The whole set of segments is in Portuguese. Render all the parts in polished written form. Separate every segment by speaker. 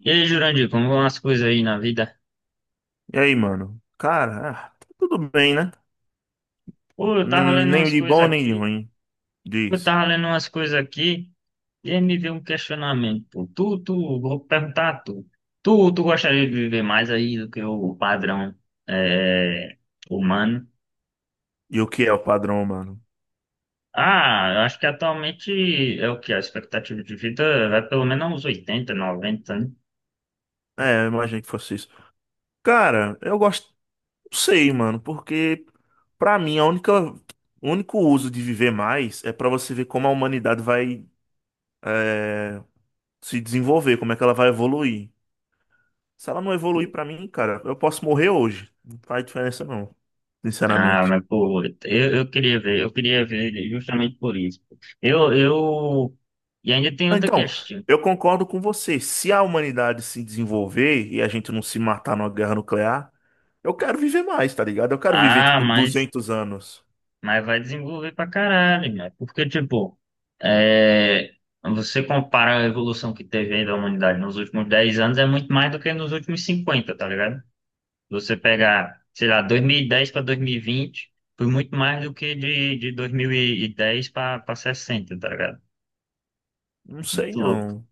Speaker 1: E aí, Jurandir, como vão as coisas aí na vida?
Speaker 2: E aí, mano? Cara, tá tudo bem, né?
Speaker 1: Pô, eu tava lendo
Speaker 2: Nem
Speaker 1: umas
Speaker 2: de
Speaker 1: coisas
Speaker 2: bom, nem de
Speaker 1: aqui,
Speaker 2: ruim
Speaker 1: eu
Speaker 2: disso.
Speaker 1: tava lendo umas coisas aqui, e aí me veio um questionamento. Pô. Vou perguntar a tu. Tu gostaria de viver mais aí do que o padrão é, humano?
Speaker 2: E o que é o padrão, mano?
Speaker 1: Ah, eu acho que atualmente é o que? A expectativa de vida vai pelo menos uns 80, 90, né?
Speaker 2: É, eu imaginei que fosse isso. Cara, eu gosto, não sei, mano, porque pra mim o único uso de viver mais é pra você ver como a humanidade vai é, se desenvolver, como é que ela vai evoluir. Se ela não evoluir pra mim, cara, eu posso morrer hoje. Não faz diferença não,
Speaker 1: Ah,
Speaker 2: sinceramente.
Speaker 1: mas pô, eu queria ver, eu queria ver justamente por isso. Eu, eu, e ainda tem outra
Speaker 2: Então,
Speaker 1: questão.
Speaker 2: eu concordo com você. Se a humanidade se desenvolver e a gente não se matar numa guerra nuclear, eu quero viver mais, tá ligado? Eu quero viver,
Speaker 1: Ah,
Speaker 2: tipo, 200 anos.
Speaker 1: mas vai desenvolver pra caralho, né? Porque, tipo, é, você compara a evolução que teve aí da humanidade nos últimos 10 anos, é muito mais do que nos últimos 50, tá ligado? Você pegar, sei lá, 2010 para 2020, foi muito mais do que de 2010 para 60, tá ligado?
Speaker 2: Não sei,
Speaker 1: Muito louco.
Speaker 2: não.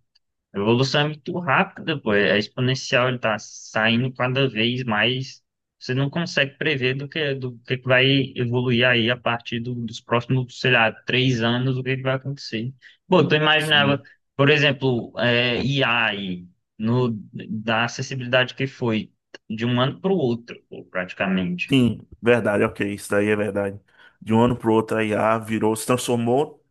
Speaker 1: A evolução é muito rápida, pô. É exponencial, ele tá saindo cada vez mais. Você não consegue prever do que que vai evoluir aí a partir dos próximos, sei lá, 3 anos, o que que vai acontecer. Pô, tu imaginava,
Speaker 2: Sim.
Speaker 1: por exemplo, IA aí, no, da acessibilidade que foi de um ano para o outro, pô, praticamente.
Speaker 2: Sim, verdade, ok. Isso daí é verdade. De um ano pro outro, a IA virou, se transformou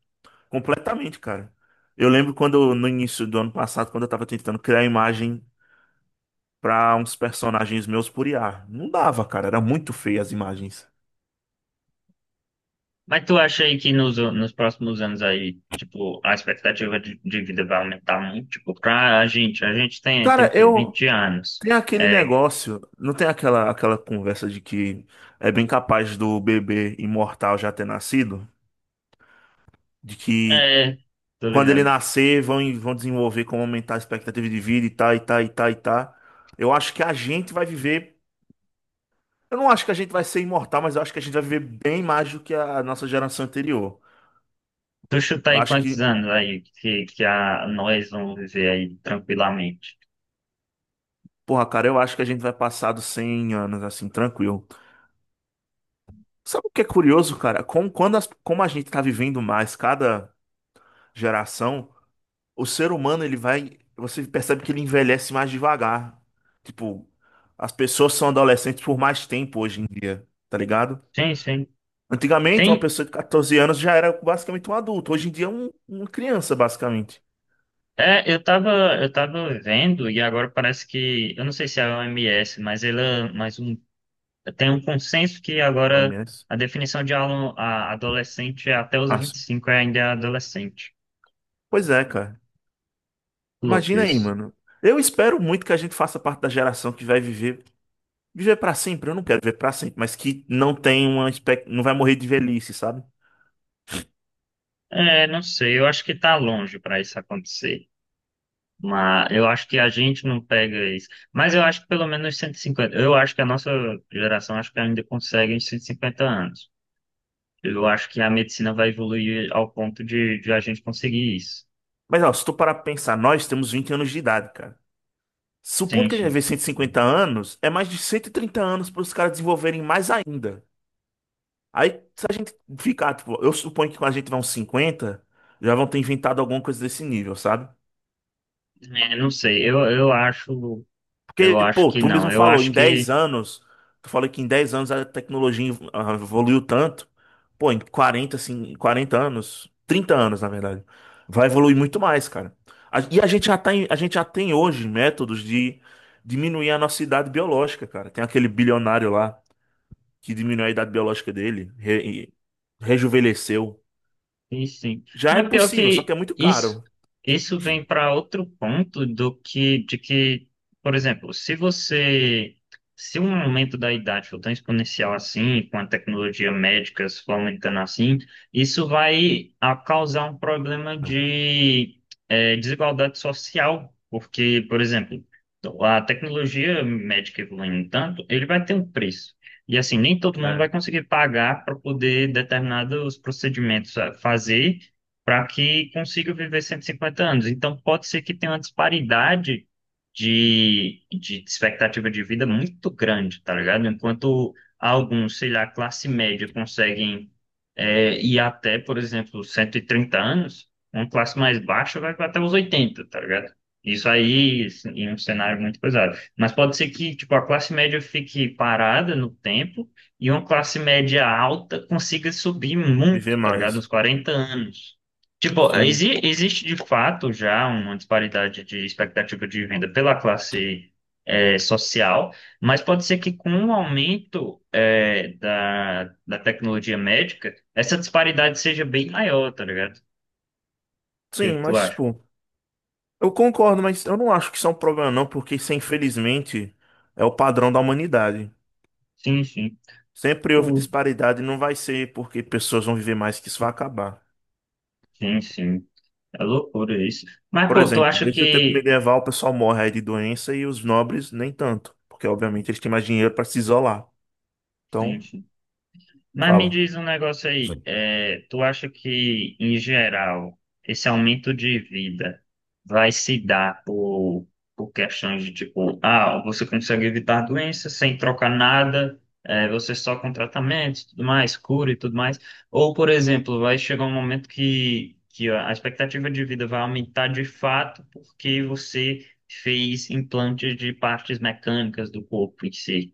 Speaker 2: completamente, cara. Eu lembro quando, no início do ano passado, quando eu tava tentando criar imagem pra uns personagens meus por IA. Não dava, cara. Era muito feia as imagens.
Speaker 1: Mas tu acha aí que nos próximos anos aí, tipo, a expectativa de vida vai aumentar muito? Tipo, pra a gente tem o
Speaker 2: Cara,
Speaker 1: quê?
Speaker 2: eu,
Speaker 1: 20 anos.
Speaker 2: tem aquele
Speaker 1: É,
Speaker 2: negócio, não tem aquela conversa de que é bem capaz do bebê imortal já ter nascido? De que
Speaker 1: é, tô
Speaker 2: quando ele
Speaker 1: ligado.
Speaker 2: nascer vão desenvolver como aumentar a expectativa de vida e tá, e tá, e tá, e tá. Eu acho que a gente vai viver. Eu não acho que a gente vai ser imortal, mas eu acho que a gente vai viver bem mais do que a nossa geração anterior.
Speaker 1: Tu chuta
Speaker 2: Eu
Speaker 1: aí
Speaker 2: acho
Speaker 1: quantos
Speaker 2: que,
Speaker 1: anos aí que nós vamos viver aí tranquilamente?
Speaker 2: porra, cara, eu acho que a gente vai passar dos 100 anos assim, tranquilo. Sabe o que é curioso, cara? Como, quando como a gente tá vivendo mais cada geração. O ser humano, ele vai. Você percebe que ele envelhece mais devagar. Tipo, as pessoas são adolescentes por mais tempo hoje em dia, tá ligado?
Speaker 1: Sim, sim.
Speaker 2: Antigamente, uma
Speaker 1: Tem,
Speaker 2: pessoa de 14 anos já era basicamente um adulto. Hoje em dia é uma criança, basicamente.
Speaker 1: é, eu tava, eu tava vendo e agora parece que, eu não sei se é a OMS, mas ela, mas o tem um consenso que
Speaker 2: No
Speaker 1: agora
Speaker 2: OMS.
Speaker 1: a definição de aluno, adolescente é até os vinte e
Speaker 2: Nossa.
Speaker 1: cinco é ainda adolescente.
Speaker 2: Pois é, cara.
Speaker 1: Louco
Speaker 2: Imagina aí,
Speaker 1: isso.
Speaker 2: mano. Eu espero muito que a gente faça parte da geração que vai viver. Viver pra sempre, eu não quero viver pra sempre, mas que não tem não vai morrer de velhice, sabe?
Speaker 1: É, não sei, eu acho que tá longe para isso acontecer. Mas eu acho que a gente não pega isso. Mas eu acho que pelo menos 150. Eu acho que a nossa geração acho que ainda consegue uns 150 anos. Eu acho que a medicina vai evoluir ao ponto de a gente conseguir isso.
Speaker 2: Mas, ó, se tu parar pra pensar, nós temos 20 anos de idade, cara.
Speaker 1: Sim,
Speaker 2: Supondo que a gente vai
Speaker 1: sim.
Speaker 2: ver 150 anos, é mais de 130 anos para os caras desenvolverem mais ainda. Aí, se a gente ficar, tipo, eu suponho que quando a gente vai uns 50, já vão ter inventado alguma coisa desse nível, sabe?
Speaker 1: É, não sei,
Speaker 2: Porque,
Speaker 1: eu acho
Speaker 2: pô,
Speaker 1: que
Speaker 2: tu
Speaker 1: não.
Speaker 2: mesmo
Speaker 1: Eu
Speaker 2: falou,
Speaker 1: acho
Speaker 2: em 10
Speaker 1: que
Speaker 2: anos, tu falou que em 10 anos a tecnologia evoluiu tanto. Pô, em 40, assim, 40 anos, 30 anos, na verdade, vai evoluir muito mais, cara. E a gente já a gente já tem hoje métodos de diminuir a nossa idade biológica, cara. Tem aquele bilionário lá que diminuiu a idade biológica dele, rejuvenesceu.
Speaker 1: sim, sim.
Speaker 2: Já é
Speaker 1: Mas pior
Speaker 2: possível, só que é
Speaker 1: que
Speaker 2: muito
Speaker 1: isso,
Speaker 2: caro.
Speaker 1: isso vem para outro ponto do que, por exemplo, se um aumento da idade for tão exponencial assim, com a tecnologia médica se for aumentando assim, isso vai a causar um problema de eh, desigualdade social, porque, por exemplo, a tecnologia médica evoluindo tanto, ele vai ter um preço. E assim, nem todo mundo vai
Speaker 2: É,
Speaker 1: conseguir pagar para poder determinados procedimentos fazer para que consiga viver 150 anos. Então, pode ser que tenha uma disparidade de expectativa de vida muito grande, tá ligado? Enquanto alguns, sei lá, classe média conseguem ir até, por exemplo, 130 anos, uma classe mais baixa vai até os 80, tá ligado? Isso aí, assim, em um cenário muito pesado. Mas pode ser que, tipo, a classe média fique parada no tempo e uma classe média alta consiga subir muito,
Speaker 2: viver
Speaker 1: tá ligado?
Speaker 2: mais.
Speaker 1: Uns 40 anos. Tipo,
Speaker 2: Sim.
Speaker 1: existe de fato já uma disparidade de expectativa de renda pela classe social, mas pode ser que com o aumento da tecnologia médica, essa disparidade seja bem maior, tá ligado? O que
Speaker 2: Sim,
Speaker 1: que tu
Speaker 2: mas
Speaker 1: acha?
Speaker 2: tipo, eu concordo, mas eu não acho que isso é um problema não, porque isso infelizmente é o padrão da humanidade.
Speaker 1: Sim, sim.
Speaker 2: Sempre houve
Speaker 1: Pô,
Speaker 2: disparidade e não vai ser porque pessoas vão viver mais que isso vai acabar.
Speaker 1: sim, sim. É loucura isso. Mas,
Speaker 2: Por
Speaker 1: pô, tu
Speaker 2: exemplo,
Speaker 1: acha
Speaker 2: desde o tempo
Speaker 1: que
Speaker 2: medieval o pessoal morre aí de doença e os nobres nem tanto, porque obviamente eles têm mais dinheiro para se isolar.
Speaker 1: sim,
Speaker 2: Então,
Speaker 1: sim. Mas me
Speaker 2: fala.
Speaker 1: diz um negócio aí, é, tu acha que, em geral, esse aumento de vida vai se dar por questões de tipo, ah, você consegue evitar doenças sem trocar nada, é, você só com tratamento, tudo mais, cura e tudo mais? Ou, por exemplo, vai chegar um momento que a expectativa de vida vai aumentar de fato porque você fez implantes de partes mecânicas do corpo em si?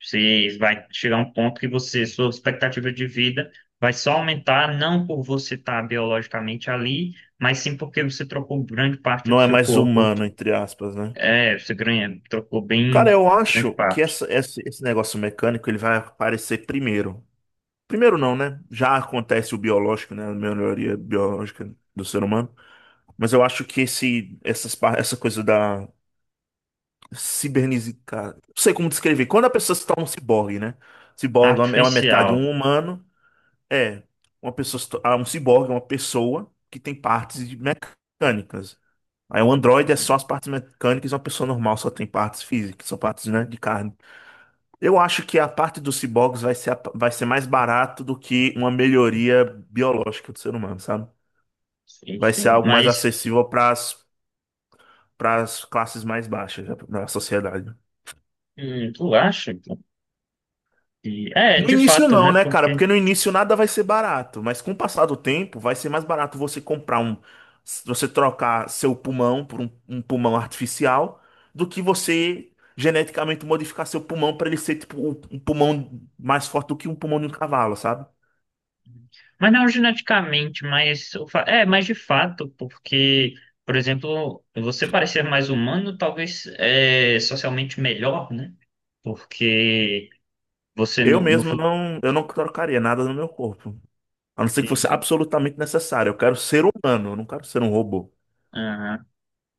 Speaker 1: Você vai chegar a um ponto que você, sua expectativa de vida vai só aumentar, não por você estar biologicamente ali, mas sim porque você trocou grande parte do
Speaker 2: Não é
Speaker 1: seu
Speaker 2: mais
Speaker 1: corpo.
Speaker 2: humano, entre aspas, né?
Speaker 1: É, você ganha, trocou
Speaker 2: Cara,
Speaker 1: bem
Speaker 2: eu
Speaker 1: grande
Speaker 2: acho que
Speaker 1: parte.
Speaker 2: esse negócio mecânico ele vai aparecer primeiro. Primeiro não, né? Já acontece o biológico, né? A melhoria biológica do ser humano. Mas eu acho que essa coisa da cibernética. Não sei como descrever. Quando a pessoa se torna um ciborgue, né? Ciborgue é uma metade
Speaker 1: Artificial.
Speaker 2: um humano. É. Uma pessoa, se to- ah, um ciborgue é uma pessoa que tem mecânicas. Aí um androide é só
Speaker 1: Uhum.
Speaker 2: as partes mecânicas, e uma pessoa normal só tem partes físicas, só partes, né, de carne. Eu acho que a parte dos ciborgues vai ser mais barato do que uma melhoria biológica do ser humano, sabe?
Speaker 1: Sim,
Speaker 2: Vai ser
Speaker 1: sim.
Speaker 2: algo mais
Speaker 1: Mas
Speaker 2: acessível para as classes mais baixas da sociedade.
Speaker 1: tu acha que... É,
Speaker 2: No
Speaker 1: de
Speaker 2: início
Speaker 1: fato,
Speaker 2: não,
Speaker 1: né?
Speaker 2: né, cara?
Speaker 1: Porque
Speaker 2: Porque no início nada vai ser barato, mas com o passar do tempo vai ser mais barato você comprar um, você trocar seu pulmão por um pulmão artificial, do que você geneticamente modificar seu pulmão para ele ser tipo um pulmão mais forte do que um pulmão de um cavalo, sabe?
Speaker 1: mas não geneticamente, mas o é, mas de fato, porque, por exemplo, você parecer mais humano talvez é socialmente melhor, né? Porque você
Speaker 2: Eu
Speaker 1: no
Speaker 2: mesmo
Speaker 1: futuro.
Speaker 2: não, eu não trocaria nada no meu corpo. A não ser que fosse absolutamente necessário. Eu quero ser humano, eu não quero ser um robô.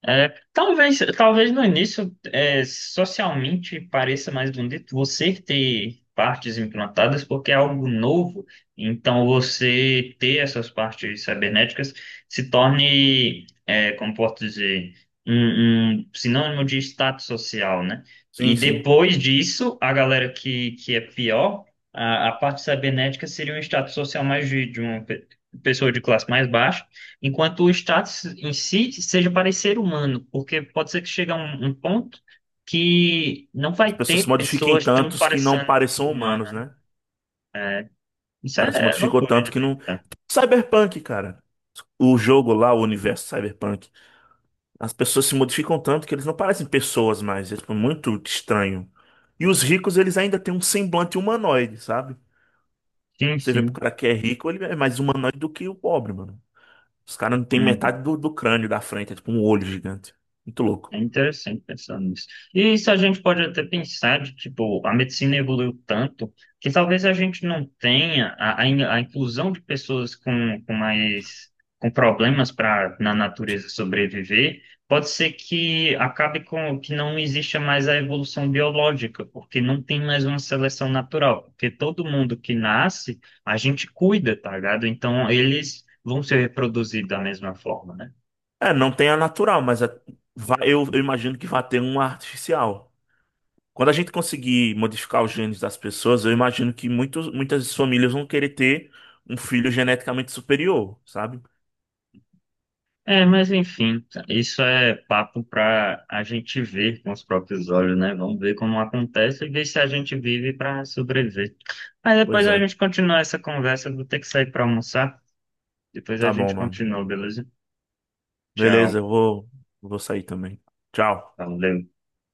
Speaker 1: É, talvez no início, é, socialmente pareça mais bonito você ter partes implantadas, porque é algo novo. Então, você ter essas partes cibernéticas se torne, é, como posso dizer, um sinônimo de status social, né? E
Speaker 2: Sim, sim.
Speaker 1: depois disso, a galera que é pior, a parte cibernética seria um status social mais de uma pessoa de classe mais baixa, enquanto o status em si seja parecer humano, porque pode ser que chegue a um ponto que não
Speaker 2: As
Speaker 1: vai
Speaker 2: pessoas se
Speaker 1: ter
Speaker 2: modifiquem
Speaker 1: pessoas tão
Speaker 2: tantos que não
Speaker 1: parecendo
Speaker 2: pareçam humanos,
Speaker 1: humana, né?
Speaker 2: né? O
Speaker 1: Isso
Speaker 2: cara se
Speaker 1: é
Speaker 2: modificou
Speaker 1: loucura de
Speaker 2: tanto que não.
Speaker 1: acreditar.
Speaker 2: Cyberpunk, cara. O jogo lá, o universo Cyberpunk. As pessoas se modificam tanto que eles não parecem pessoas mais. É tipo, muito estranho. E os ricos, eles ainda têm um semblante humanoide, sabe?
Speaker 1: Sim,
Speaker 2: Você vê pro
Speaker 1: sim.
Speaker 2: cara que é rico, ele é mais humanoide do que o pobre, mano. Os caras não têm
Speaker 1: Uhum.
Speaker 2: metade do crânio da frente, é tipo um olho gigante. Muito louco.
Speaker 1: É interessante pensar nisso. E isso a gente pode até pensar de, tipo, a medicina evoluiu tanto que talvez a gente não tenha a inclusão de pessoas com mais com problemas para na natureza sobreviver. Pode ser que acabe com que não exista mais a evolução biológica, porque não tem mais uma seleção natural, porque todo mundo que nasce, a gente cuida, tá ligado? Então eles vão se reproduzir da mesma forma, né?
Speaker 2: É, não tem a natural, mas eu imagino que vai ter uma artificial. Quando a gente conseguir modificar os genes das pessoas, eu imagino que muitas famílias vão querer ter um filho geneticamente superior, sabe?
Speaker 1: É, mas enfim, isso é papo para a gente ver com os próprios olhos, né? Vamos ver como acontece e ver se a gente vive para sobreviver. Mas depois
Speaker 2: Pois
Speaker 1: a
Speaker 2: é.
Speaker 1: gente continua essa conversa, eu vou ter que sair para almoçar. Depois a
Speaker 2: Tá bom,
Speaker 1: gente
Speaker 2: mano.
Speaker 1: continua, beleza?
Speaker 2: Beleza,
Speaker 1: Tchau,
Speaker 2: eu vou, vou sair também. Tchau.
Speaker 1: valeu.